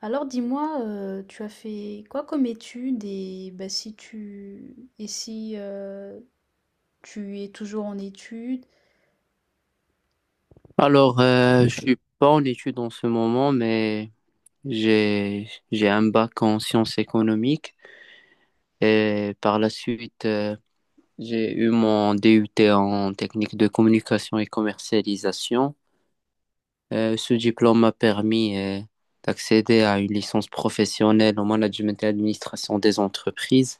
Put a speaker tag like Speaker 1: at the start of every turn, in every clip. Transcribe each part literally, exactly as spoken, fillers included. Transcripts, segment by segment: Speaker 1: Alors dis-moi, heu, tu as fait quoi comme études. Et bah, si tu et si, heu, tu es toujours en études?
Speaker 2: Alors, euh, je suis pas en études en ce moment, mais j'ai j'ai un bac en sciences économiques et par la suite euh, j'ai eu mon D U T en technique de communication et commercialisation. Euh, ce diplôme m'a permis euh, d'accéder à une licence professionnelle en management et administration des entreprises.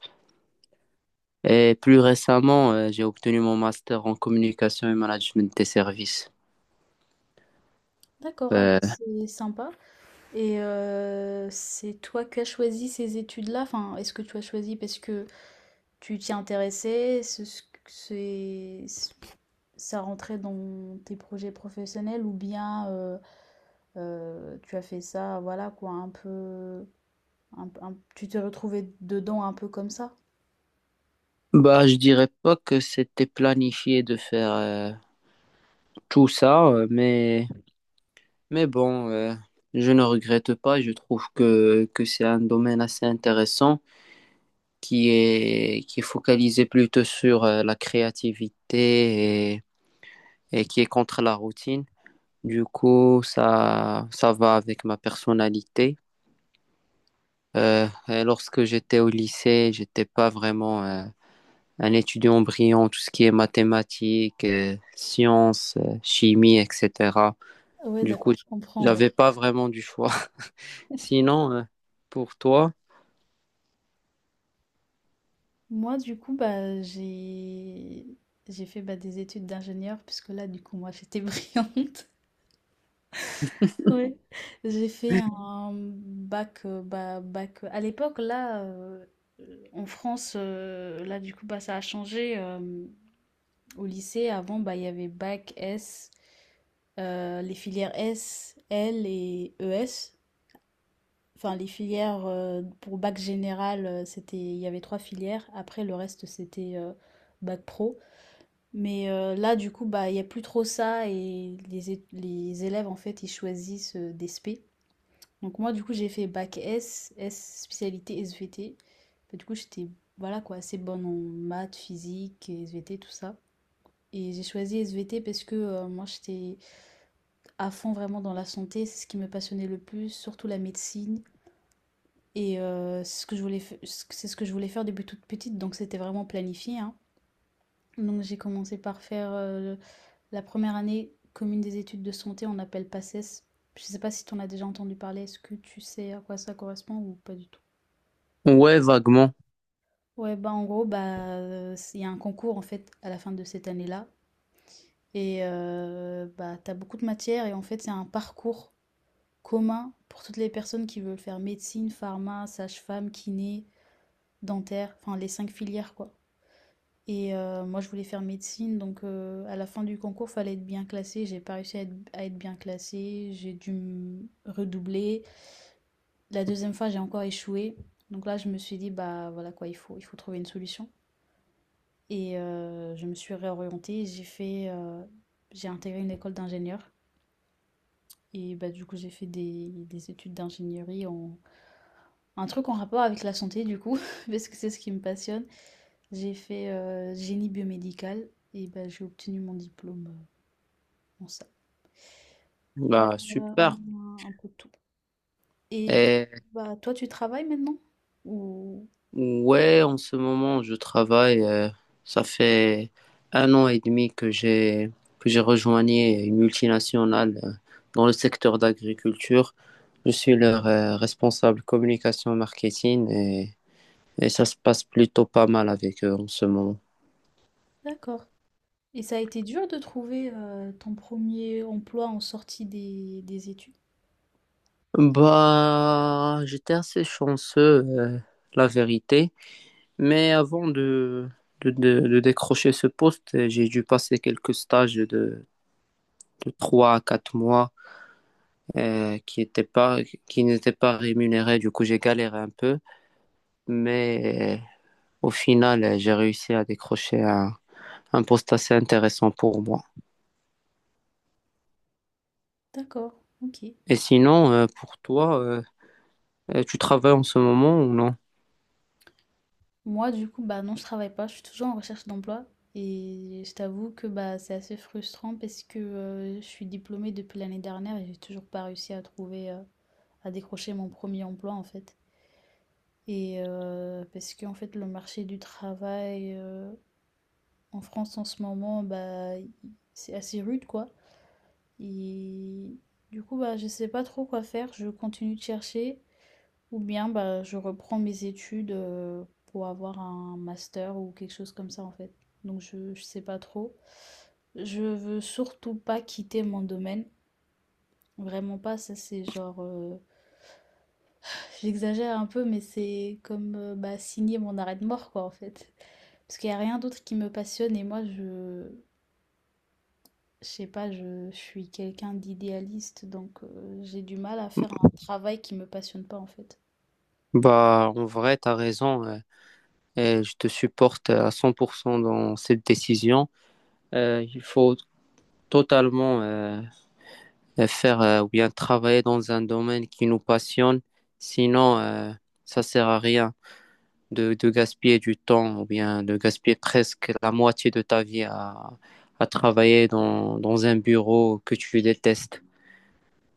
Speaker 2: Et plus récemment, euh, j'ai obtenu mon master en communication et management des services.
Speaker 1: D'accord, ah bah,
Speaker 2: Euh,
Speaker 1: c'est sympa. Et heu, c'est toi qui as choisi ces études-là? Enfin, est-ce que tu as choisi parce que tu t'y intéressais? C'est ce que c'est ça rentrait dans tes projets professionnels, ou bien, heu heu, tu as fait ça, voilà quoi, un peu, un un tu t'es retrouvée dedans un peu comme ça?
Speaker 2: Bah, je dirais pas que c'était planifié de faire euh, tout ça, euh, mais, mais bon, euh, je ne regrette pas. Je trouve que, que c'est un domaine assez intéressant qui est, qui est focalisé plutôt sur euh, la créativité et, et qui est contre la routine. Du coup, ça, ça va avec ma personnalité. Euh, et lorsque j'étais au lycée, j'étais pas vraiment euh, un étudiant brillant, tout ce qui est mathématiques, euh, sciences, euh, chimie, et cetera.
Speaker 1: Ouais,
Speaker 2: Du coup,
Speaker 1: d'accord, je comprends, ouais.
Speaker 2: j'avais pas vraiment du choix. Sinon, euh, pour toi,
Speaker 1: Moi, du coup, bah, j'ai j'ai fait bah, des études d'ingénieur, puisque là, du coup, moi, j'étais brillante. Ouais. J'ai fait un bac, euh, bah, bac. À l'époque, là, euh, en France, euh, là, du coup, bah, ça a changé. Euh, au lycée, avant, bah, il y avait bac S, euh, les filières S, L et E S. Enfin, les filières euh, pour bac général, euh, c'était, il y avait trois filières. Après, le reste, c'était euh, bac pro. Mais heu, là, du coup, bah, il y a plus trop ça, et les é les élèves, en fait, ils choisissent, heu, des spé. Donc moi, du coup, j'ai fait bac S, S spécialité S V T. Bah, du coup, j'étais, voilà quoi, assez bonne en maths, physique, S V T, tout ça. Et j'ai choisi S V T parce que, heu, moi, j'étais à fond vraiment dans la santé. C'est ce qui me passionnait le plus, surtout la médecine. Et heu, c'est ce que je voulais f c'est ce que je voulais faire depuis toute petite, donc c'était vraiment planifié, hein. Donc j'ai commencé par faire, heu, la première année commune des études de santé, on appelle PACES. Je sais pas si tu en as déjà entendu parler, est-ce que tu sais à quoi ça correspond ou pas du tout?
Speaker 2: ouais, vaguement,
Speaker 1: Ouais, bah en gros, bah euh, il y a un concours en fait à la fin de cette année-là. Et euh, bah, t'as beaucoup de matières, et en fait, c'est un parcours commun pour toutes les personnes qui veulent faire médecine, pharma, sage-femme, kiné, dentaire, enfin les cinq filières quoi. Et heu, moi, je voulais faire médecine, donc heu, à la fin du concours, fallait être bien classée. J'ai pas réussi à être à être bien classée. J'ai dû mmh, redoubler. La deuxième fois, j'ai encore échoué. Donc là, je me suis dit: «Bah, voilà quoi, il faut il faut trouver une solution», et heu, je me suis réorientée. J'ai fait, heu, j'ai intégré une école d'ingénieur, et bah, du coup, j'ai fait des des études d'ingénierie, en un truc en rapport avec la santé du coup, parce que c'est ce qui me passionne. J'ai fait, heu, génie biomédical, et bah, j'ai obtenu mon diplôme, euh, en ça. Voilà,
Speaker 2: bah super.
Speaker 1: un un peu de tout. Et du coup,
Speaker 2: Et
Speaker 1: bah, toi, tu travailles maintenant? Ou...
Speaker 2: ouais, en ce moment, je travaille. Euh, ça fait un an et demi que j'ai que j'ai rejoint une multinationale euh, dans le secteur d'agriculture. Je suis leur euh, responsable communication marketing et Et ça se passe plutôt pas mal avec eux en ce moment.
Speaker 1: D'accord. Et ça a été dur de trouver euh, ton premier emploi en sortie des, des études?
Speaker 2: Bah, j'étais assez chanceux, euh, la vérité. Mais avant de, de, de- de décrocher ce poste, euh, j'ai dû passer quelques stages de, de trois à quatre mois euh, qui étaient pas, qui n'étaient pas rémunérés. Du coup, j'ai galéré un peu. Mais euh, au final, euh, j'ai réussi à décrocher un, un poste assez intéressant pour moi.
Speaker 1: D'accord, ok.
Speaker 2: Et sinon, euh, pour toi, euh, euh, tu travailles en ce moment ou non?
Speaker 1: Moi, du coup, bah non, je travaille pas, je suis toujours en recherche d'emploi. Et je t'avoue que bah, c'est assez frustrant parce que euh, je suis diplômée depuis l'année dernière et j'ai toujours pas réussi à trouver, euh, à décrocher mon premier emploi en fait. Et euh, parce que en fait, le marché du travail... euh, en France, en ce moment, bah, c'est assez rude, quoi. Et du coup, bah, je sais pas trop quoi faire. Je continue de chercher, ou bien bah, je reprends mes études euh, pour avoir un master ou quelque chose comme ça, en fait. Donc, je, je sais pas trop. Je veux surtout pas quitter mon domaine. Vraiment pas, ça c'est genre... euh, j'exagère un peu, mais c'est comme euh, bah, signer mon arrêt de mort, quoi, en fait. Parce qu'il n'y a rien d'autre qui me passionne, et moi, je, je sais pas, je, je suis quelqu'un d'idéaliste, donc euh, j'ai du mal à faire un travail qui me passionne pas en fait.
Speaker 2: Bah, en vrai, t'as raison. Euh, et je te supporte à cent pour cent dans cette décision. Euh, il faut totalement euh, faire euh, ou bien travailler dans un domaine qui nous passionne. Sinon, euh, ça sert à rien de, de gaspiller du temps ou bien de gaspiller presque la moitié de ta vie à, à travailler dans, dans un bureau que tu détestes.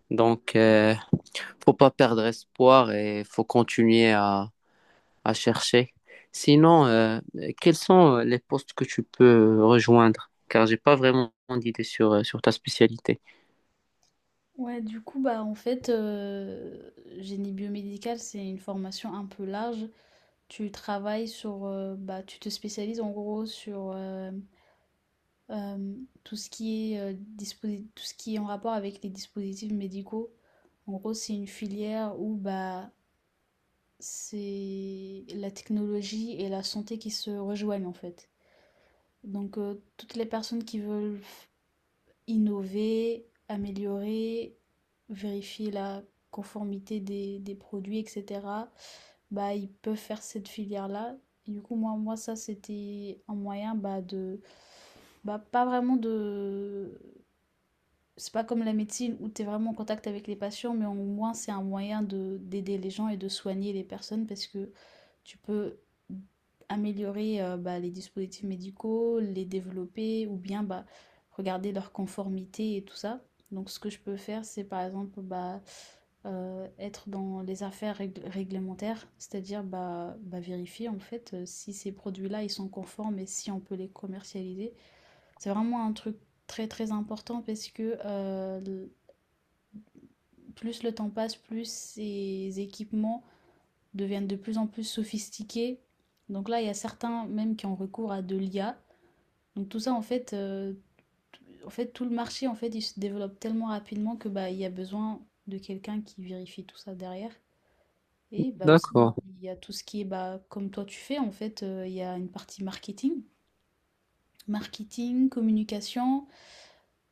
Speaker 2: Donc, euh, faut pas perdre espoir et faut continuer à à chercher. Sinon, euh, quels sont euh, les postes que tu peux rejoindre? Car j'ai pas vraiment d'idée sur, euh, sur ta spécialité.
Speaker 1: Ouais, du coup, bah en fait, euh, génie biomédical, c'est une formation un peu large. Tu travailles sur, euh, bah tu te spécialises en gros sur euh, euh, tout ce qui est euh, disposi- tout ce qui est en rapport avec les dispositifs médicaux. En gros, c'est une filière où bah c'est la technologie et la santé qui se rejoignent en fait. Donc, heu, toutes les personnes qui veulent innover, améliorer, vérifier la conformité des des produits et cetera, bah, ils peuvent faire cette filière-là. Et du coup, moi moi ça, c'était un moyen, bah, de bah, pas vraiment de, c'est pas comme la médecine où tu es vraiment en contact avec les patients, mais au moins c'est un moyen de d'aider les gens et de soigner les personnes parce que tu peux améliorer euh, bah, les dispositifs médicaux, les développer ou bien bah, regarder leur conformité et tout ça. Donc ce que je peux faire, c'est par exemple bah, euh, être dans les affaires rég- réglementaires, c'est-à-dire bah, bah, vérifier en fait euh, si ces produits-là ils sont conformes et si on peut les commercialiser. C'est vraiment un truc très très important parce que euh, plus le temps passe, plus ces équipements deviennent de plus en plus sophistiqués. Donc là, il y a certains même qui ont recours à de l'I A. Donc tout ça, en fait, euh, en fait, tout le marché, en fait, il se développe tellement rapidement que bah, il y a besoin de quelqu'un qui vérifie tout ça derrière. Et bah aussi,
Speaker 2: D'accord.
Speaker 1: il y a tout ce qui est, bah, comme toi tu fais, en fait, euh, il y a une partie marketing. Marketing, communication,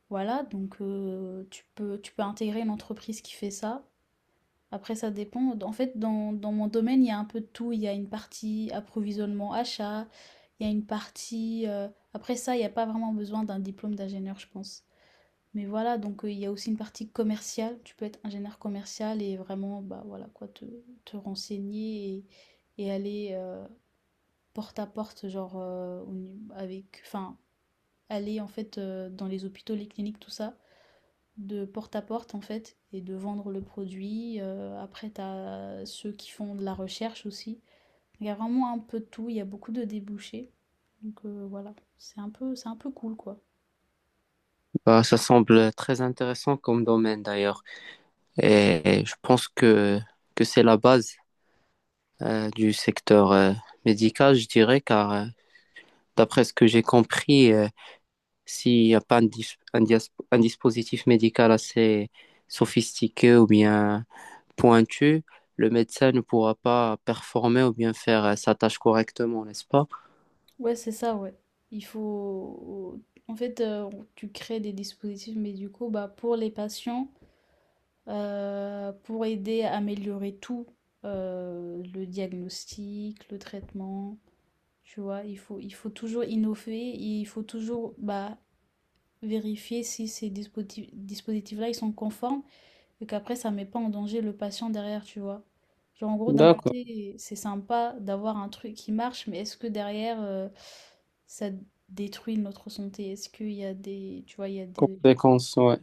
Speaker 1: voilà, donc euh, tu peux, tu peux intégrer une entreprise qui fait ça. Après ça dépend, en fait dans dans mon domaine, il y a un peu de tout. Il y a une partie approvisionnement achat, il y a une partie, heu après ça, il y a pas vraiment besoin d'un diplôme d'ingénieur, je pense. Mais voilà, donc heu, il y a aussi une partie commerciale. Tu peux être ingénieur commercial et vraiment, bah, voilà quoi, te te renseigner et et aller, heu, porte à porte, genre, heu, au nu avec, enfin aller en fait, heu, dans les hôpitaux, les cliniques, tout ça, de porte à porte en fait, et de vendre le produit. Euh, après, tu as ceux qui font de la recherche aussi. Il y a vraiment un peu de tout, il y a beaucoup de débouchés. Donc euh, voilà, c'est un, peu, c'est un peu cool quoi.
Speaker 2: Bah, ça semble très intéressant comme domaine d'ailleurs. Et je pense que, que c'est la base euh, du secteur euh, médical, je dirais, car euh, d'après ce que j'ai compris, euh, s'il n'y a pas un, dis- un, dias- un dispositif médical assez sophistiqué ou bien pointu, le médecin ne pourra pas performer ou bien faire euh, sa tâche correctement, n'est-ce pas?
Speaker 1: Ouais, c'est ça, ouais. Il faut. En fait, euh, tu crées des dispositifs médicaux bah, pour les patients, euh, pour aider à améliorer tout euh, le diagnostic, le traitement. Tu vois, il faut, il faut toujours innover, il faut toujours bah, vérifier si ces dispositifs, dispositifs-là, ils sont conformes et qu'après, ça met pas en danger le patient derrière, tu vois. Genre, en gros, d'un
Speaker 2: D'accord.
Speaker 1: côté, c'est sympa d'avoir un truc qui marche, mais est-ce que derrière, euh, ça détruit notre santé? Est-ce qu'il y a des, tu vois, il y a des,
Speaker 2: Conséquence, ouais.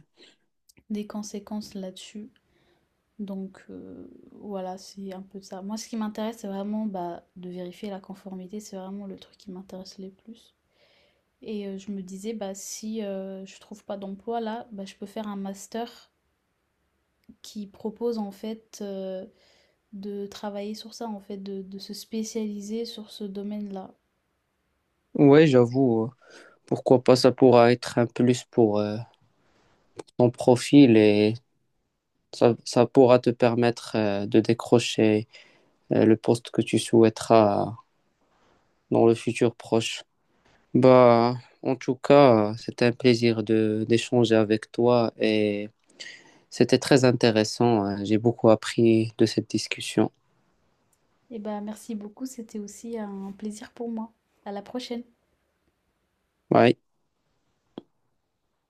Speaker 1: des conséquences là-dessus? Donc, euh, voilà, c'est un peu ça. Moi, ce qui m'intéresse, c'est vraiment bah, de vérifier la conformité. C'est vraiment le truc qui m'intéresse le plus. Et euh, je me disais, bah, si euh, je trouve pas d'emploi là, bah, je peux faire un master qui propose en fait euh, de travailler sur ça, en fait, de, de se spécialiser sur ce domaine-là.
Speaker 2: Ouais, j'avoue. euh, Pourquoi pas, ça pourra être un plus pour euh, ton profil et ça, ça pourra te permettre euh, de décrocher euh, le poste que tu souhaiteras dans le futur proche. Bah, en tout cas, euh, c'était un plaisir de d'échanger avec toi et c'était très intéressant. euh, J'ai beaucoup appris de cette discussion.
Speaker 1: Et ben merci beaucoup, c'était aussi un plaisir pour moi. À la prochaine.
Speaker 2: Bye.